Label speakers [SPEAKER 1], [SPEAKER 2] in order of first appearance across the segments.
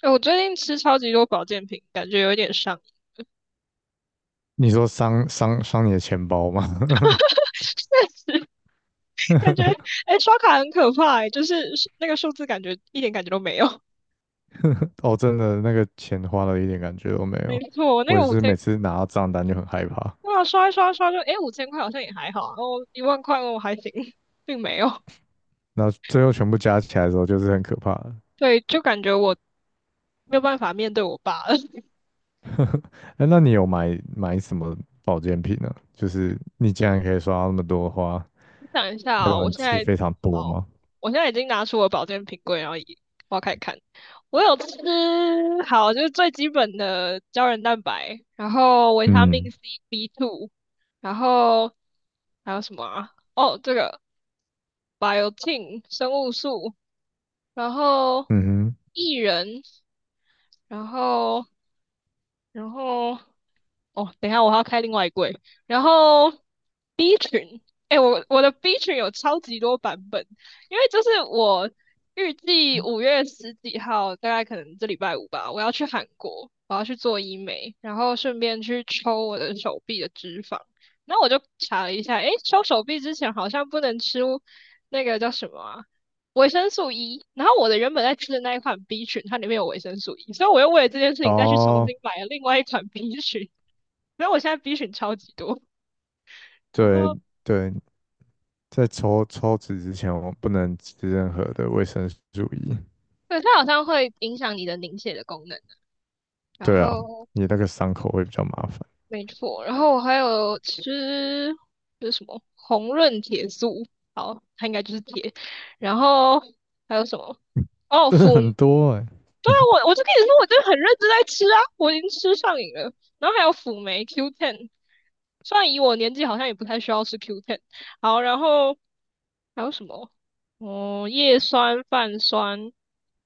[SPEAKER 1] 哎、我最近吃超级多保健品，感觉有一点上瘾，
[SPEAKER 2] 你说伤你的钱包吗？
[SPEAKER 1] 确实感觉哎、刷卡很可怕哎、诶就是那个数字感觉一点感觉都没有。
[SPEAKER 2] 哦，真的，那个钱花了一点感觉都没
[SPEAKER 1] 没
[SPEAKER 2] 有。
[SPEAKER 1] 错，我那
[SPEAKER 2] 我也
[SPEAKER 1] 个五
[SPEAKER 2] 是
[SPEAKER 1] 千，
[SPEAKER 2] 每次拿到账单就很害怕，
[SPEAKER 1] 哇，刷一刷刷就哎五千块好像也还好啊，然后一万块我还行，并没有。
[SPEAKER 2] 那最后全部加起来的时候就是很可怕的。
[SPEAKER 1] 对，就感觉我没有办法面对我爸了。
[SPEAKER 2] 哎那你有买什么保健品呢？就是你竟然可以刷到那么多的话，
[SPEAKER 1] 想一下
[SPEAKER 2] 代
[SPEAKER 1] 啊、
[SPEAKER 2] 表
[SPEAKER 1] 我
[SPEAKER 2] 你
[SPEAKER 1] 现
[SPEAKER 2] 吃
[SPEAKER 1] 在
[SPEAKER 2] 非常多
[SPEAKER 1] 好，
[SPEAKER 2] 吗？
[SPEAKER 1] 我现在已经拿出我保健品柜，然后一挖开看。我有吃，好，就是最基本的胶原蛋白，然后维他命
[SPEAKER 2] 嗯
[SPEAKER 1] C、B two，然后还有什么啊？哦，这个 biotin 生物素，然后
[SPEAKER 2] 嗯
[SPEAKER 1] 薏仁，然后然后哦，等一下我还要开另外一柜，然后 B 群，哎、我的 B 群有超级多版本，因为就是我预计五月十几号，大概可能这礼拜五吧，我要去韩国，我要去做医美，然后顺便去抽我的手臂的脂肪。那我就查了一下，哎，抽手臂之前好像不能吃那个叫什么啊，维生素 E。然后我的原本在吃的那一款 B 群，它里面有维生素 E，所以我又为了这件事
[SPEAKER 2] 哼，
[SPEAKER 1] 情再去重
[SPEAKER 2] 哦，
[SPEAKER 1] 新买了另外一款 B 群，所以我现在 B 群超级多。然
[SPEAKER 2] 对
[SPEAKER 1] 后
[SPEAKER 2] 对，在抽脂之前，我不能吃任何的维生素 E。
[SPEAKER 1] 对，它好像会影响你的凝血的功能。然
[SPEAKER 2] 对啊，
[SPEAKER 1] 后，
[SPEAKER 2] 你那个伤口会比较麻烦。
[SPEAKER 1] 没错，然后我还有吃，就是什么红润铁素，好，它应该就是铁。然后还有什么？哦，
[SPEAKER 2] 真
[SPEAKER 1] 辅，
[SPEAKER 2] 的很多哎、
[SPEAKER 1] 对啊，我就跟你说，我真的很认真在吃啊，我已经吃上瘾了。然后还有辅酶 Q10，虽然以我年纪好像也不太需要吃 Q10。好，然后还有什么？哦，叶酸、泛酸、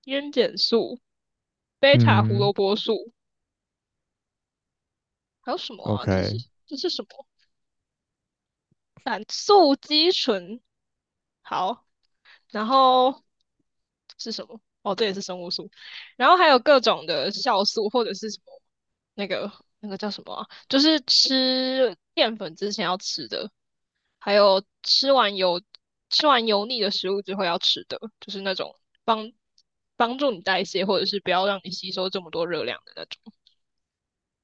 [SPEAKER 1] 烟碱素、贝塔胡
[SPEAKER 2] 嗯
[SPEAKER 1] 萝卜素。还有什么啊？这是
[SPEAKER 2] ？OK，
[SPEAKER 1] 这是什么？胆素肌醇。好，然后是什么？哦，这也是生物素。然后还有各种的酵素或者是什么那个那个叫什么啊就是吃淀粉之前要吃的，还有吃完油吃完油腻的食物之后要吃的，就是那种帮帮助你代谢或者是不要让你吸收这么多热量的那种。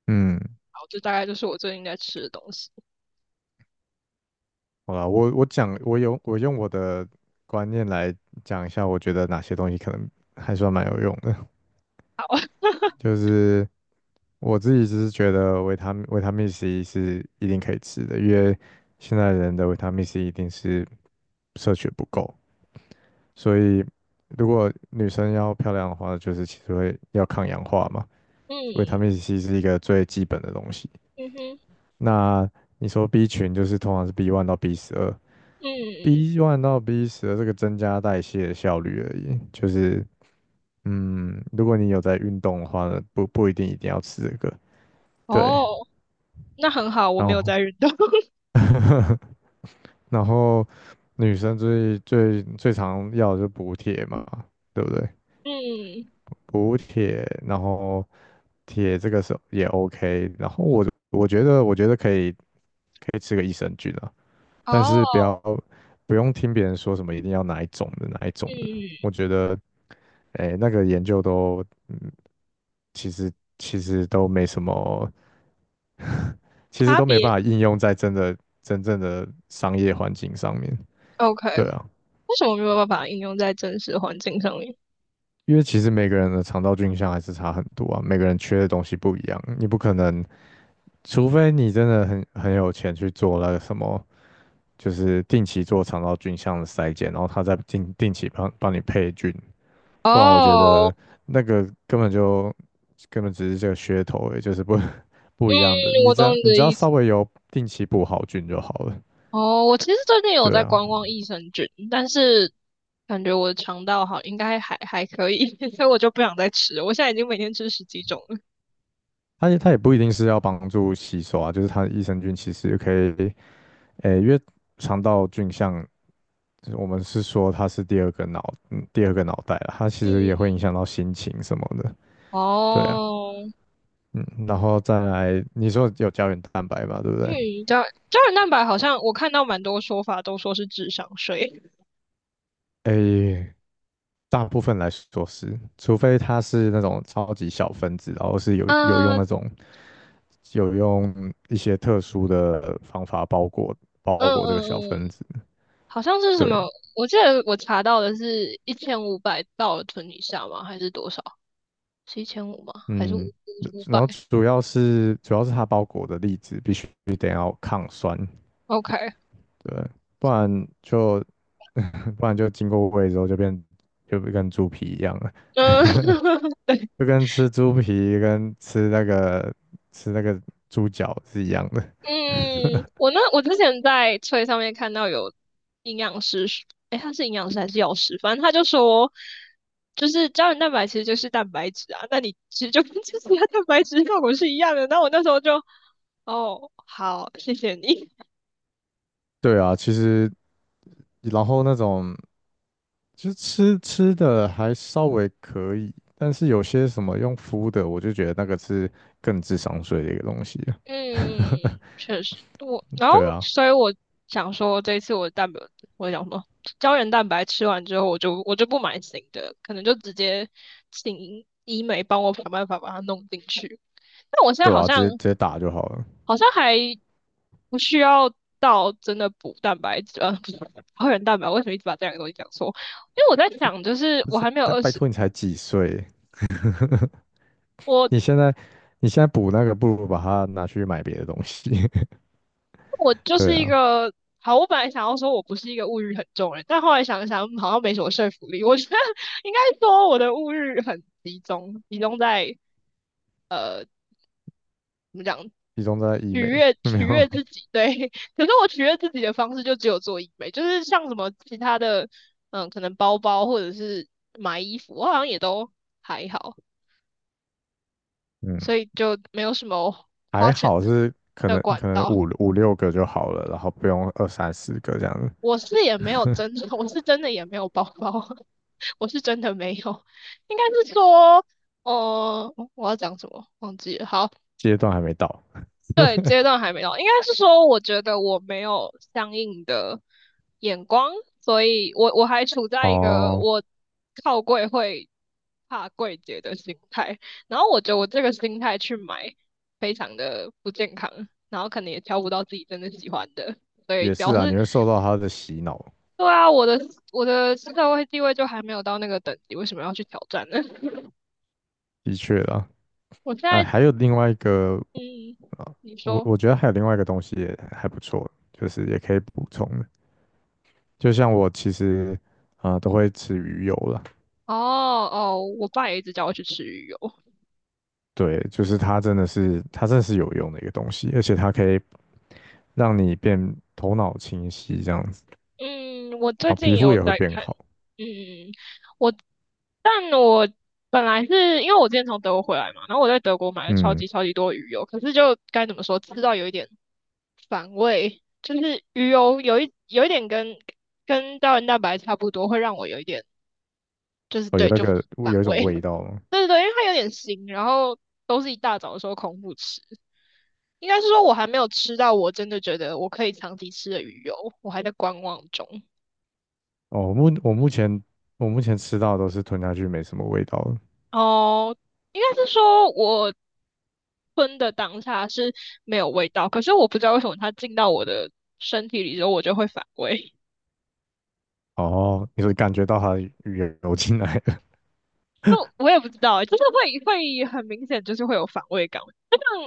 [SPEAKER 2] 嗯，
[SPEAKER 1] 好，这大概就是我最近在吃的东西。
[SPEAKER 2] 好啦，我讲，我用我的观念来讲一下，我觉得哪些东西可能还算蛮有用的。
[SPEAKER 1] 好，
[SPEAKER 2] 就是我自己只是觉得维他命 C 是一定可以吃的，因为现在人的维他命 C 一定是摄取不够，所以如果女生要漂亮的话，就是其实会要抗氧化嘛，
[SPEAKER 1] 嗯
[SPEAKER 2] 维他命
[SPEAKER 1] 嗯
[SPEAKER 2] C 是一个最基本的东西。
[SPEAKER 1] 嗯哼。
[SPEAKER 2] 那你说 B 群就是通常是 B one 到 B12
[SPEAKER 1] 嗯，
[SPEAKER 2] ，B1 到 B 十二这个增加代谢的效率而已，就是嗯，如果你有在运动的话呢，不一定要吃这个，对，
[SPEAKER 1] 哦，那很好，我
[SPEAKER 2] 然
[SPEAKER 1] 没有
[SPEAKER 2] 后
[SPEAKER 1] 在运动。
[SPEAKER 2] 然后女生最最最常要的就是补铁嘛，对不对？
[SPEAKER 1] 嗯，
[SPEAKER 2] 补铁，然后铁这个是也 OK，然后我觉得可以吃个益生菌啊。但
[SPEAKER 1] 哦，
[SPEAKER 2] 是不用听别人说什么一定要哪一种的哪一种的，
[SPEAKER 1] 嗯，
[SPEAKER 2] 我觉得哎，那个研究都其实其实都没什么，其实
[SPEAKER 1] 差
[SPEAKER 2] 都没
[SPEAKER 1] 别
[SPEAKER 2] 办法应用在真正的商业环境上面。
[SPEAKER 1] ，OK，
[SPEAKER 2] 对啊，
[SPEAKER 1] 为什么没有办法应用在真实环境上面？
[SPEAKER 2] 因为其实每个人的肠道菌相还是差很多啊，每个人缺的东西不一样，你不可能，除非你真的很有钱去做那个什么，就是定期做肠道菌相的筛检，然后他再定期帮你配菌，不然我觉得
[SPEAKER 1] 哦，
[SPEAKER 2] 那个根本只是这个噱头而已，就是不 不一样的。
[SPEAKER 1] 嗯，
[SPEAKER 2] 你
[SPEAKER 1] 我
[SPEAKER 2] 只
[SPEAKER 1] 懂
[SPEAKER 2] 要
[SPEAKER 1] 你
[SPEAKER 2] 你只
[SPEAKER 1] 的
[SPEAKER 2] 要
[SPEAKER 1] 意思。
[SPEAKER 2] 稍微有定期补好菌就好了。
[SPEAKER 1] 哦，我其实最近有
[SPEAKER 2] 对
[SPEAKER 1] 在
[SPEAKER 2] 啊，
[SPEAKER 1] 观望益生菌，但是感觉我的肠道好，应该还可以，所以我就不想再吃了。我现在已经每天吃十几种了。
[SPEAKER 2] 它也不一定是要帮助吸收啊，就是它益生菌其实可以，诶、因为肠道菌像我们是说它是第二个脑，第二个脑袋啊，它其实
[SPEAKER 1] 嗯，
[SPEAKER 2] 也会影响到心情什么的。对啊，
[SPEAKER 1] 哦，
[SPEAKER 2] 嗯，然后再来，你说有胶原蛋白吧，对不对？
[SPEAKER 1] 嗯，胶胶原蛋白好像我看到蛮多说法都说是智商税。
[SPEAKER 2] 诶、大部分来说是，除非它是那种超级小分子，然后是有有
[SPEAKER 1] 嗯
[SPEAKER 2] 用
[SPEAKER 1] 嗯
[SPEAKER 2] 一些特殊的方法包裹
[SPEAKER 1] 嗯
[SPEAKER 2] 包裹这个小分
[SPEAKER 1] 嗯，
[SPEAKER 2] 子。
[SPEAKER 1] 好像是什
[SPEAKER 2] 对，
[SPEAKER 1] 么？我记得我查到的是一千五百到存以下吗？还是多少？是一千五吗？还是五
[SPEAKER 2] 嗯，
[SPEAKER 1] 五百
[SPEAKER 2] 然后主要是它包裹的粒子必须得要抗酸，
[SPEAKER 1] ？OK，
[SPEAKER 2] 对，不然就 不然就经过胃之后就跟猪皮一样了，
[SPEAKER 1] 嗯
[SPEAKER 2] 就跟吃猪皮跟吃那个猪脚是一样的。
[SPEAKER 1] 嗯，我之前在翠上面看到有营养师，诶，他是营养师还是药师？反正他就说，就是胶原蛋白其实就是蛋白质啊，那你其实就跟 吃其他蛋白质效果是一样的。那我那时候就，哦，好，谢谢你。
[SPEAKER 2] 对啊，其实然后那种就吃的还稍微可以，但是有些什么用敷的，我就觉得那个是更智商税的一个东西了。
[SPEAKER 1] 嗯，确实，我然后
[SPEAKER 2] 对啊，
[SPEAKER 1] 所以我想说，这一次我的蛋白，我想说胶原蛋白吃完之后，我就不买新的，可能就直接请医美帮我想办法把它弄进去。但我现在
[SPEAKER 2] 对
[SPEAKER 1] 好
[SPEAKER 2] 啊，直
[SPEAKER 1] 像
[SPEAKER 2] 接直接打就好了。
[SPEAKER 1] 好像还不需要到真的补蛋白质，不是胶原蛋白，为什么一直把这两个东西讲错？因为我在想，就是我还没有
[SPEAKER 2] 但
[SPEAKER 1] 二
[SPEAKER 2] 拜
[SPEAKER 1] 十，
[SPEAKER 2] 托你才几岁，
[SPEAKER 1] 我
[SPEAKER 2] 你现在你现在补那个，不如把它拿去买别的东西。
[SPEAKER 1] 我 就
[SPEAKER 2] 对
[SPEAKER 1] 是一
[SPEAKER 2] 啊，
[SPEAKER 1] 个好，我本来想要说我不是一个物欲很重的人，但后来想一想，嗯好像没什么说服力。我觉得应该说我的物欲很集中，集中在呃怎么讲，
[SPEAKER 2] 集中在医
[SPEAKER 1] 取
[SPEAKER 2] 美，
[SPEAKER 1] 悦
[SPEAKER 2] 没
[SPEAKER 1] 取
[SPEAKER 2] 有，
[SPEAKER 1] 悦自己。对，可是我取悦自己的方式就只有做医美，就是像什么其他的，嗯，可能包包或者是买衣服，我好像也都还好，
[SPEAKER 2] 嗯，
[SPEAKER 1] 所以就没有什么花
[SPEAKER 2] 还
[SPEAKER 1] 钱
[SPEAKER 2] 好是可
[SPEAKER 1] 的
[SPEAKER 2] 能
[SPEAKER 1] 管
[SPEAKER 2] 可能
[SPEAKER 1] 道。
[SPEAKER 2] 五六个就好了，然后不用二三十个这样子，
[SPEAKER 1] 我是也没有真的，我是真的也没有包包，我是真的没有，应该是说，我要讲什么忘记了。好，
[SPEAKER 2] 阶段还没到。
[SPEAKER 1] 对，阶段还没到，应该是说，我觉得我没有相应的眼光，所以我还处在一个
[SPEAKER 2] 哦，
[SPEAKER 1] 我靠柜会怕柜姐的心态，然后我觉得我这个心态去买，非常的不健康，然后可能也挑不到自己真的喜欢的。所以
[SPEAKER 2] 也是
[SPEAKER 1] 表
[SPEAKER 2] 啊，
[SPEAKER 1] 示
[SPEAKER 2] 你会受到他的洗脑，
[SPEAKER 1] 对啊，我的社会地位就还没有到那个等级，为什么要去挑战呢？
[SPEAKER 2] 的确啦。
[SPEAKER 1] 我现
[SPEAKER 2] 哎，
[SPEAKER 1] 在，
[SPEAKER 2] 还有另外一个
[SPEAKER 1] 嗯，
[SPEAKER 2] 啊，
[SPEAKER 1] 你
[SPEAKER 2] 我
[SPEAKER 1] 说，
[SPEAKER 2] 我觉得还有另外一个东西也还不错，就是也可以补充的。就像我其实啊、都会吃鱼油啦，
[SPEAKER 1] 哦哦，我爸也一直叫我去吃鱼油，
[SPEAKER 2] 对，就是它真的是有用的一个东西，而且它可以让你变头脑清晰这样子，
[SPEAKER 1] 嗯，我
[SPEAKER 2] 然
[SPEAKER 1] 最
[SPEAKER 2] 后
[SPEAKER 1] 近
[SPEAKER 2] 皮
[SPEAKER 1] 也
[SPEAKER 2] 肤
[SPEAKER 1] 有
[SPEAKER 2] 也会
[SPEAKER 1] 在
[SPEAKER 2] 变
[SPEAKER 1] 看，
[SPEAKER 2] 好。
[SPEAKER 1] 嗯，我，但我本来是因为我之前从德国回来嘛，然后我在德国买了超
[SPEAKER 2] 嗯，
[SPEAKER 1] 级超级多鱼油，可是就该怎么说，吃到有一点反胃，就是鱼油有一点跟跟胶原蛋白差不多，会让我有一点就是
[SPEAKER 2] 哦，有
[SPEAKER 1] 对
[SPEAKER 2] 那
[SPEAKER 1] 就
[SPEAKER 2] 个
[SPEAKER 1] 反
[SPEAKER 2] 有一种
[SPEAKER 1] 胃。
[SPEAKER 2] 味道吗？
[SPEAKER 1] 对对对，因为它有点腥，然后都是一大早的时候空腹吃。应该是说我还没有吃到我真的觉得我可以长期吃的鱼油，我还在观望中。
[SPEAKER 2] 哦，我目前吃到的都是吞下去没什么味道的，
[SPEAKER 1] 哦，应该是说我吞的当下是没有味道，可是我不知道为什么它进到我的身体里之后，我就会反胃。
[SPEAKER 2] 哦，你会感觉到它的语言流进来了
[SPEAKER 1] 就我也不知道欸就是会很明显，就是会有反胃感。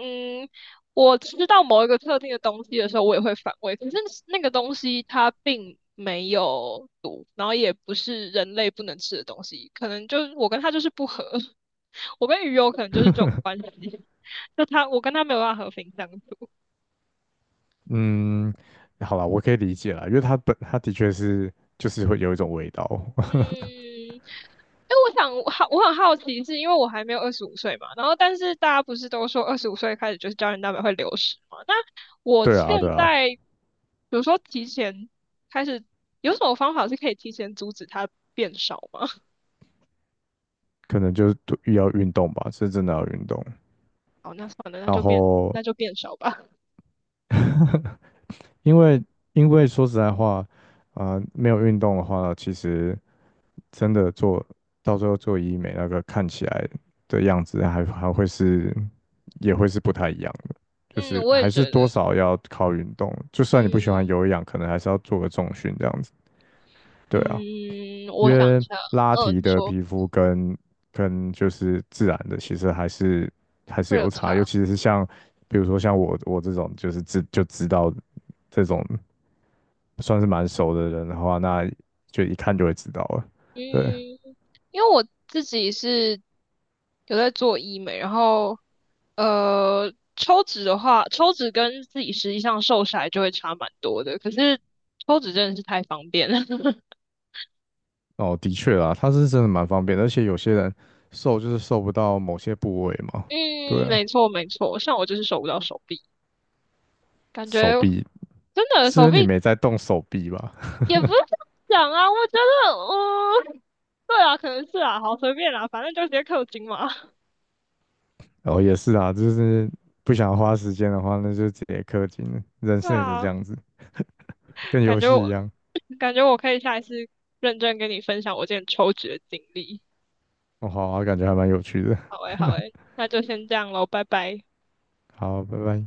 [SPEAKER 1] 嗯，我吃到某一个特定的东西的时候，我也会反胃，可是那个东西它并没有毒，然后也不是人类不能吃的东西，可能就是我跟它就是不合，我跟鱼有可能就是这种关系，就它我跟它没有办法和平相处。
[SPEAKER 2] 嗯，好啦，我可以理解啦，因为它的确是就是会有一种味道。
[SPEAKER 1] 嗯，哎，我想我好，我很好奇，是因为我还没有二十五岁嘛，然后但是大家不是都说二十五岁开始就是胶原蛋白会流失嘛？那我
[SPEAKER 2] 对
[SPEAKER 1] 现
[SPEAKER 2] 啊，对啊，
[SPEAKER 1] 在比如说提前开始，有什么方法是可以提前阻止它变少吗？
[SPEAKER 2] 可能就是多要运动吧，是真的要运动。
[SPEAKER 1] 好，那算了，那
[SPEAKER 2] 然
[SPEAKER 1] 就变
[SPEAKER 2] 后，
[SPEAKER 1] 那就变少吧。
[SPEAKER 2] 因为因为说实在话，啊、没有运动的话，其实真的做到最后做医美那个看起来的样子还也会是不太一样。就
[SPEAKER 1] 嗯，
[SPEAKER 2] 是
[SPEAKER 1] 我也
[SPEAKER 2] 还
[SPEAKER 1] 觉
[SPEAKER 2] 是
[SPEAKER 1] 得，
[SPEAKER 2] 多少要靠运动，就
[SPEAKER 1] 嗯
[SPEAKER 2] 算你不喜欢有氧，可能还是要做个重训这样子。对
[SPEAKER 1] 嗯，
[SPEAKER 2] 啊，因
[SPEAKER 1] 我想一
[SPEAKER 2] 为
[SPEAKER 1] 下，
[SPEAKER 2] 拉
[SPEAKER 1] 嗯，
[SPEAKER 2] 提
[SPEAKER 1] 你
[SPEAKER 2] 的
[SPEAKER 1] 说
[SPEAKER 2] 皮肤跟就是自然的，其实还是
[SPEAKER 1] 会
[SPEAKER 2] 有
[SPEAKER 1] 有
[SPEAKER 2] 差，尤
[SPEAKER 1] 差，
[SPEAKER 2] 其是像比如说像我这种就是就知道这种算是蛮熟的人的话，那就一看就会知道了。
[SPEAKER 1] 嗯。
[SPEAKER 2] 对，
[SPEAKER 1] 因为我自己是有在做医美，然后抽脂的话，抽脂跟自己实际上瘦下来就会差蛮多的。可是抽脂真的是太方便了。
[SPEAKER 2] 哦，的确啦，它是真的蛮方便的，而且有些人瘦就是瘦不到某些部位嘛。对
[SPEAKER 1] 嗯，
[SPEAKER 2] 啊，
[SPEAKER 1] 没错没错，像我就是瘦不到手臂，感觉
[SPEAKER 2] 手臂
[SPEAKER 1] 真的
[SPEAKER 2] 是因
[SPEAKER 1] 手
[SPEAKER 2] 为你
[SPEAKER 1] 臂
[SPEAKER 2] 没在动手臂吧？
[SPEAKER 1] 也不是这样讲啊，我觉得，嗯，对啊，可能是啊，好随便啦，反正就直接氪金嘛。
[SPEAKER 2] 哦，也是啊，就是不想花时间的话，那就直接氪金了。人
[SPEAKER 1] 对
[SPEAKER 2] 生也是
[SPEAKER 1] 啊，
[SPEAKER 2] 这样子，跟
[SPEAKER 1] 感
[SPEAKER 2] 游
[SPEAKER 1] 觉
[SPEAKER 2] 戏
[SPEAKER 1] 我
[SPEAKER 2] 一样。
[SPEAKER 1] 感觉我可以下一次认真跟你分享我之前抽脂的经历。
[SPEAKER 2] 哦，好啊，感觉还蛮有趣的。
[SPEAKER 1] 好诶，好诶，那就先这样喽，拜拜。
[SPEAKER 2] 好，拜拜。